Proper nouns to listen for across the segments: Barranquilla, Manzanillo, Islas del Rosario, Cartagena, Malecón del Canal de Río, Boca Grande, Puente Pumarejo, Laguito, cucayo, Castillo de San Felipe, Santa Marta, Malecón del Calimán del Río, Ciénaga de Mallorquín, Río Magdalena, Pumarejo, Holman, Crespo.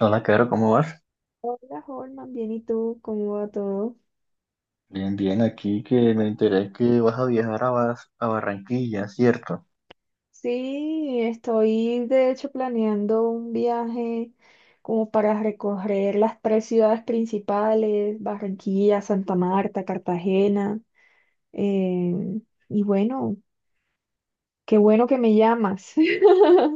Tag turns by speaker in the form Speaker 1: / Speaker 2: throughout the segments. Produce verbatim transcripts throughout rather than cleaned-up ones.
Speaker 1: Hola, Caro, ¿cómo vas?
Speaker 2: Hola, Holman, bien, ¿y tú? ¿Cómo va todo?
Speaker 1: Bien, bien, aquí que me enteré que vas a viajar a, Bas- a Barranquilla, ¿cierto?
Speaker 2: Sí, estoy de hecho planeando un viaje como para recorrer las tres ciudades principales, Barranquilla, Santa Marta, Cartagena. em, y bueno, qué bueno que me llamas.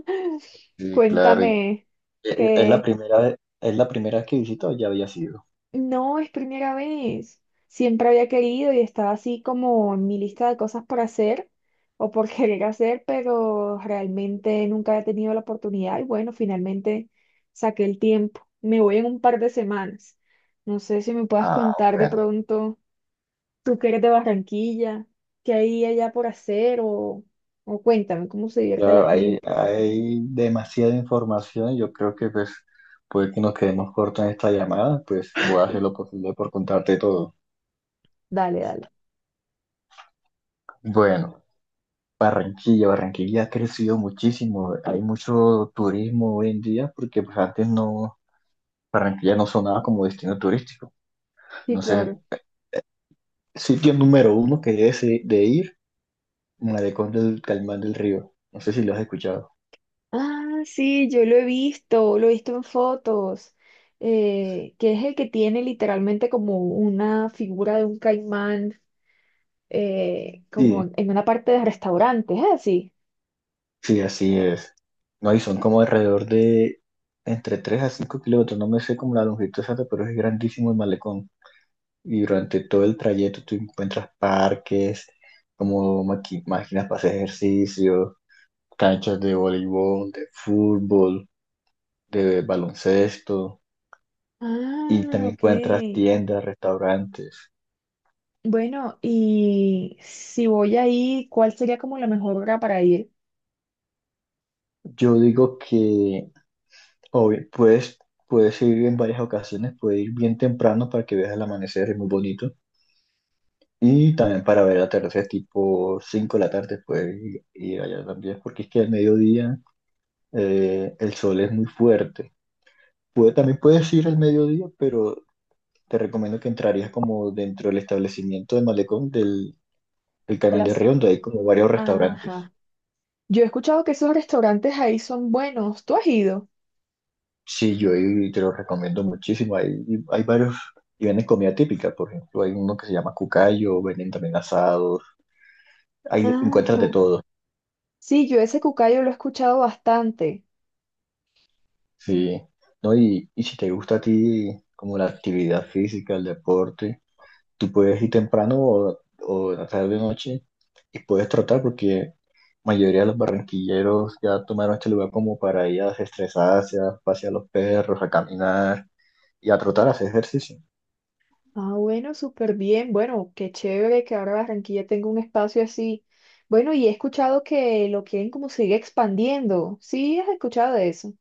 Speaker 1: Sí, claro. y-
Speaker 2: Cuéntame,
Speaker 1: Eh, ¿Es la
Speaker 2: ¿qué,
Speaker 1: primera, ve- es la primera vez que visito o ya había sido?
Speaker 2: no, es primera vez. Siempre había querido y estaba así como en mi lista de cosas por hacer o por querer hacer, pero realmente nunca había tenido la oportunidad y bueno, finalmente saqué el tiempo. Me voy en un par de semanas. No sé si me puedas
Speaker 1: Ah,
Speaker 2: contar de
Speaker 1: bueno.
Speaker 2: pronto, tú que eres de Barranquilla, qué hay allá por hacer o, o cuéntame cómo se divierte la
Speaker 1: Ya hay,
Speaker 2: gente.
Speaker 1: hay demasiada información. Yo creo que pues puede que nos quedemos cortos en esta llamada. Pues voy a hacer lo posible por contarte todo.
Speaker 2: Dale, dale.
Speaker 1: Bueno, Barranquilla, Barranquilla ha crecido muchísimo. Hay mucho turismo hoy en día porque pues antes no, Barranquilla no sonaba como destino turístico.
Speaker 2: Sí,
Speaker 1: No sé,
Speaker 2: claro.
Speaker 1: sitio número uno que debes i- de ir, Malecón del Calimán del Río. No sé si lo has escuchado.
Speaker 2: Ah, sí, yo lo he visto, lo he visto en fotos, eh, que es el que tiene literalmente como una figura de un caimán, eh, como
Speaker 1: Sí,
Speaker 2: en una parte de restaurante, ¿es así?
Speaker 1: sí, así es. No, y son como alrededor de entre tres a cinco kilómetros. No me sé como la longitud exacta, pero es grandísimo el malecón. Y durante todo el trayecto tú encuentras parques, como maqui- máquinas para hacer ejercicio, canchas de voleibol, de fútbol, de baloncesto. Y
Speaker 2: Ah,
Speaker 1: también encuentras
Speaker 2: ok.
Speaker 1: tiendas, restaurantes.
Speaker 2: Bueno, y si voy ahí, ¿cuál sería como la mejor hora para ir?
Speaker 1: Yo digo que, obvio, puedes, puedes ir en varias ocasiones, puedes ir bien temprano para que veas el amanecer, es muy bonito. Y también para ver el atardecer, tipo cinco de la tarde, puedes ir, ir allá también, porque es que al mediodía eh, el sol es muy fuerte. Puede, también puedes ir al mediodía, pero te recomiendo que entrarías como dentro del establecimiento de Malecón del, del
Speaker 2: A
Speaker 1: Canal de
Speaker 2: las...
Speaker 1: Río, donde hay como varios restaurantes.
Speaker 2: Ajá. Yo he escuchado que esos restaurantes ahí son buenos, ¿tú has ido?
Speaker 1: Sí, yo ahí te lo recomiendo muchísimo. Hay, hay varios y venden comida típica, por ejemplo, hay uno que se llama cucayo, venden también asados, ahí encuentras de
Speaker 2: Ajá.
Speaker 1: todo,
Speaker 2: Sí, yo ese cucayo lo he escuchado bastante.
Speaker 1: sí. ¿No? Y, y si te gusta a ti como la actividad física, el deporte, tú puedes ir temprano o, o en la tarde noche y puedes trotar porque la mayoría de los barranquilleros ya tomaron este lugar como para ir a desestresarse, a pasear a los perros, a caminar y a trotar, a hacer ejercicio.
Speaker 2: Ah, bueno, súper bien. Bueno, qué chévere que ahora Barranquilla tenga un espacio así. Bueno, y he escuchado que lo quieren como seguir expandiendo. ¿Sí has escuchado de eso?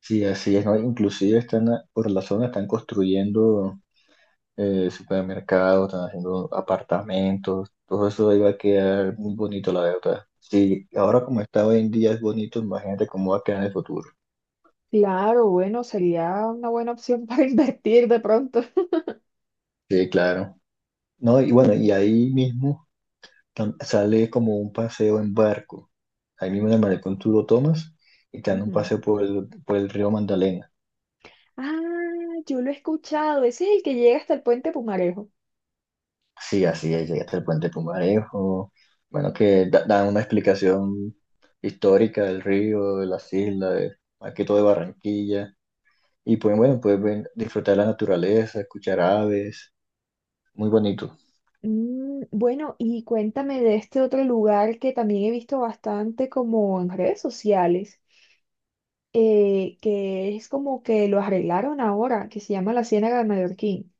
Speaker 1: Sí, así es, ¿no? Inclusive están a- por la zona están construyendo eh, supermercados, están haciendo apartamentos, todo eso ahí va a quedar muy bonito, la verdad. Sí, ahora como está hoy en día es bonito, imagínate cómo va a quedar en el futuro.
Speaker 2: Claro, bueno, sería una buena opción para invertir de pronto.
Speaker 1: Sí, claro. No, y bueno, y ahí mismo tam- sale como un paseo en barco. Ahí mismo en el malecón tú lo tomas y te dan un
Speaker 2: Ujú.
Speaker 1: paseo por el, por el río Magdalena.
Speaker 2: Ah, yo lo he escuchado. Ese es el que llega hasta el puente Pumarejo.
Speaker 1: Sí, así es, llegaste al puente Pumarejo. Bueno, que da- dan una explicación histórica del río, de las islas, de- más que todo de Barranquilla. Y pues bueno, puedes ven- disfrutar la naturaleza, escuchar aves, muy bonito.
Speaker 2: Mm, bueno, y cuéntame de este otro lugar que también he visto bastante como en redes sociales, eh, que es como que lo arreglaron ahora, que se llama la Ciénaga de Mallorquín.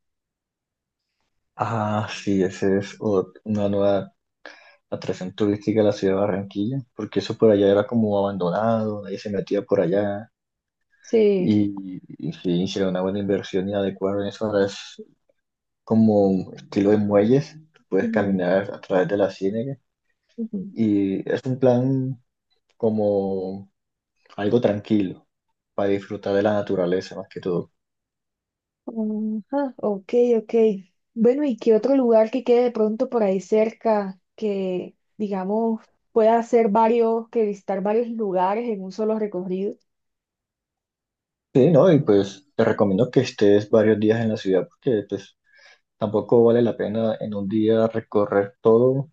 Speaker 1: Ah, sí, esa es ot- una nueva atracción turística de la ciudad de Barranquilla, porque eso por allá era como abandonado, nadie se metía por allá.
Speaker 2: Sí.
Speaker 1: Y, y sí, hicieron una buena inversión y adecuaron eso. Ahora es como estilo de muelles, puedes
Speaker 2: Ujú,
Speaker 1: caminar a través de la ciénaga. Y es un plan como algo tranquilo, para disfrutar de la naturaleza más que todo.
Speaker 2: ujú. Ajá, ok, ok. Bueno, ¿y qué otro lugar que quede de pronto por ahí cerca que, digamos, pueda hacer varios, que visitar varios lugares en un solo recorrido?
Speaker 1: Sí, ¿no? Y pues te recomiendo que estés varios días en la ciudad porque pues tampoco vale la pena en un día recorrer todo,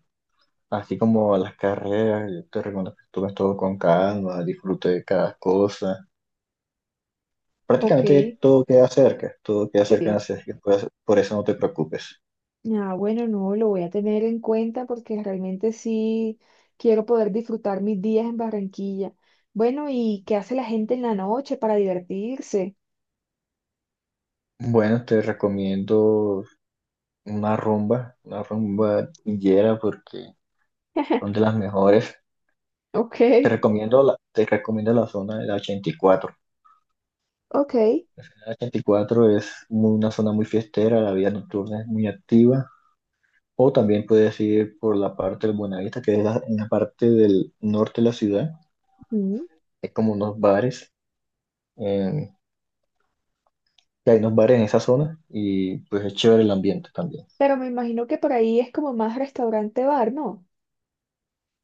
Speaker 1: así como las carreras. Yo te recomiendo que tomes todo con calma, disfrute de cada cosa.
Speaker 2: Ok,
Speaker 1: Prácticamente todo queda cerca, todo queda cerca en la
Speaker 2: sí.
Speaker 1: ciudad, así que puedes- por eso no te preocupes.
Speaker 2: Ah, bueno, no, lo voy a tener en cuenta porque realmente sí quiero poder disfrutar mis días en Barranquilla. Bueno, ¿y qué hace la gente en la noche para divertirse?
Speaker 1: Bueno, te recomiendo una rumba, una rumba guillera porque son de las mejores.
Speaker 2: Ok,
Speaker 1: Te recomiendo la, te recomiendo la zona de la ochenta y cuatro.
Speaker 2: ok.
Speaker 1: La ochenta y cuatro es muy- una zona muy fiestera, la vida nocturna es muy activa. O también puedes ir por la parte del Buenavista, que es la, en la parte del norte de la ciudad. Hay como unos bares, eh, que hay unos bares en esa zona y pues es chévere el ambiente también.
Speaker 2: Pero me imagino que por ahí es como más restaurante bar, ¿no?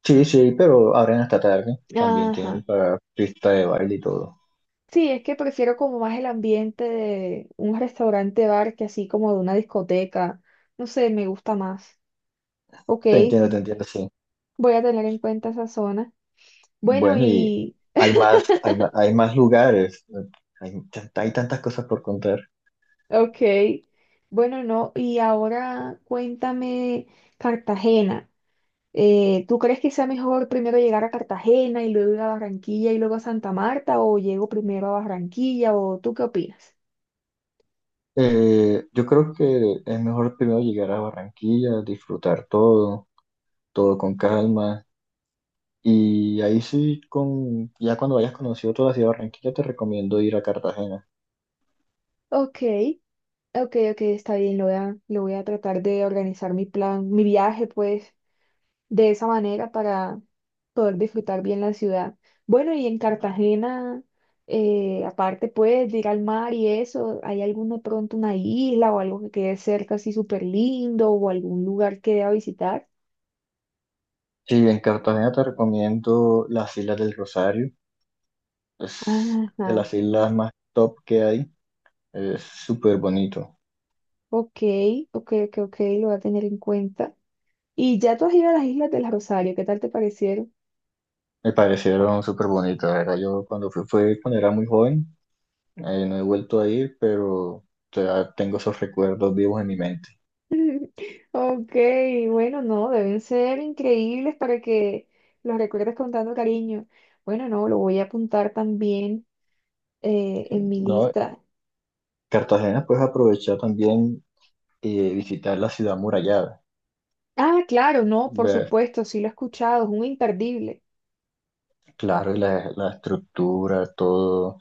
Speaker 1: Sí, sí, pero abren hasta tarde. También
Speaker 2: Ajá.
Speaker 1: tienen para pista de baile y todo.
Speaker 2: Sí, es que prefiero como más el ambiente de un restaurante bar que así como de una discoteca. No sé, me gusta más. Ok,
Speaker 1: Te entiendo, te entiendo, sí.
Speaker 2: voy a tener en cuenta esa zona. Bueno,
Speaker 1: Bueno, y
Speaker 2: y...
Speaker 1: hay más, hay más, hay más lugares. Hay, tan- hay tantas cosas por contar.
Speaker 2: Ok. Bueno, no. Y ahora cuéntame Cartagena. Eh, ¿tú crees que sea mejor primero llegar a Cartagena y luego ir a Barranquilla y luego a Santa Marta o llego primero a Barranquilla o tú qué opinas?
Speaker 1: Eh, yo creo que es mejor primero llegar a Barranquilla, disfrutar todo, todo con calma. Y ahí sí, con, ya cuando hayas conocido toda la ciudad de Barranquilla, te recomiendo ir a Cartagena.
Speaker 2: Ok. Ok, ok, está bien, lo voy a, lo voy a tratar de organizar mi plan, mi viaje, pues, de esa manera para poder disfrutar bien la ciudad. Bueno, y en Cartagena, eh, aparte, pues, de ir al mar y eso, ¿hay alguno pronto una isla o algo que quede cerca así súper lindo o algún lugar que deba visitar?
Speaker 1: Sí, en Cartagena te recomiendo las Islas del Rosario. Es de
Speaker 2: Ajá,
Speaker 1: las islas más top que hay. Es súper bonito.
Speaker 2: ok, ok, ok, ok, lo voy a tener en cuenta. Y ya tú has ido a las Islas del Rosario, ¿qué tal te parecieron?
Speaker 1: Me parecieron súper bonitas, la verdad. Yo cuando fui, fue cuando era muy joven. Eh, no he vuelto a ir, pero o sea, tengo esos recuerdos vivos en mi mente.
Speaker 2: Ok, bueno, no, deben ser increíbles para que los recuerdes con tanto cariño. Bueno, no, lo voy a apuntar también eh, en mi
Speaker 1: No,
Speaker 2: lista.
Speaker 1: Cartagena puedes aprovechar también eh, visitar la ciudad murallada,
Speaker 2: Ah, claro, no, por
Speaker 1: ver,
Speaker 2: supuesto, sí lo he escuchado, es un imperdible.
Speaker 1: claro, la, la estructura, todo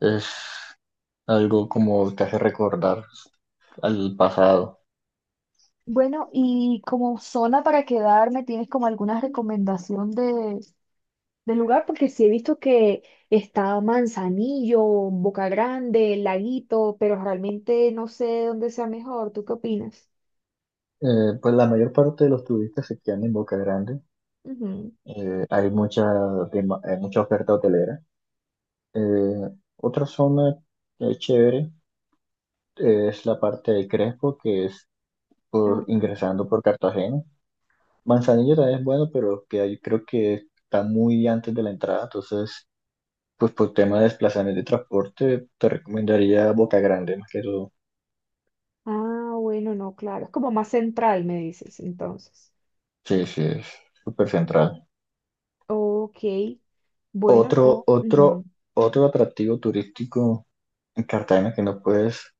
Speaker 1: es algo como te hace recordar al pasado.
Speaker 2: Bueno, y como zona para quedarme, ¿tienes como alguna recomendación de, de lugar? Porque sí he visto que está Manzanillo, Boca Grande, Laguito, pero realmente no sé dónde sea mejor. ¿Tú qué opinas?
Speaker 1: Eh, pues la mayor parte de los turistas se quedan en Boca Grande,
Speaker 2: Ujú.
Speaker 1: eh, hay mucha, dema- hay mucha oferta hotelera. Eh, Otra zona que es chévere es la parte de Crespo, que es por, ingresando por Cartagena. Manzanillo también es bueno, pero que ahí creo que está muy antes de la entrada, entonces, pues por tema de desplazamiento de transporte, te recomendaría Boca Grande más que todo.
Speaker 2: Ah, bueno, no, claro. Es como más central, me dices, entonces.
Speaker 1: Sí, sí, es súper central.
Speaker 2: Ok, bueno,
Speaker 1: Otro,
Speaker 2: no.
Speaker 1: otro,
Speaker 2: Ujú.
Speaker 1: otro atractivo turístico en Cartagena que no puedes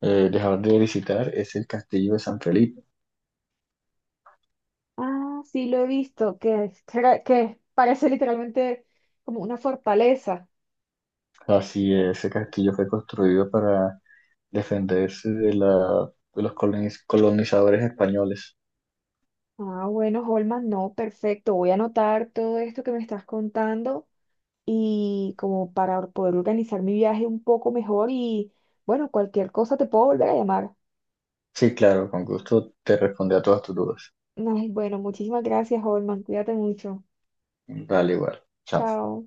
Speaker 1: eh, dejar de visitar es el Castillo de San Felipe.
Speaker 2: Ah, sí, lo he visto, que, es- cra- que parece literalmente como una fortaleza.
Speaker 1: Así es, ese castillo fue construido para defenderse de, la, de los coloniz- colonizadores españoles.
Speaker 2: Ah, bueno, Holman, no, perfecto. Voy a anotar todo esto que me estás contando y como para poder organizar mi viaje un poco mejor y, bueno, cualquier cosa te puedo volver a llamar.
Speaker 1: Sí, claro, con gusto te responde a todas tus dudas.
Speaker 2: Ay, bueno, muchísimas gracias, Holman. Cuídate mucho.
Speaker 1: Vale, igual. Chao.
Speaker 2: Chao.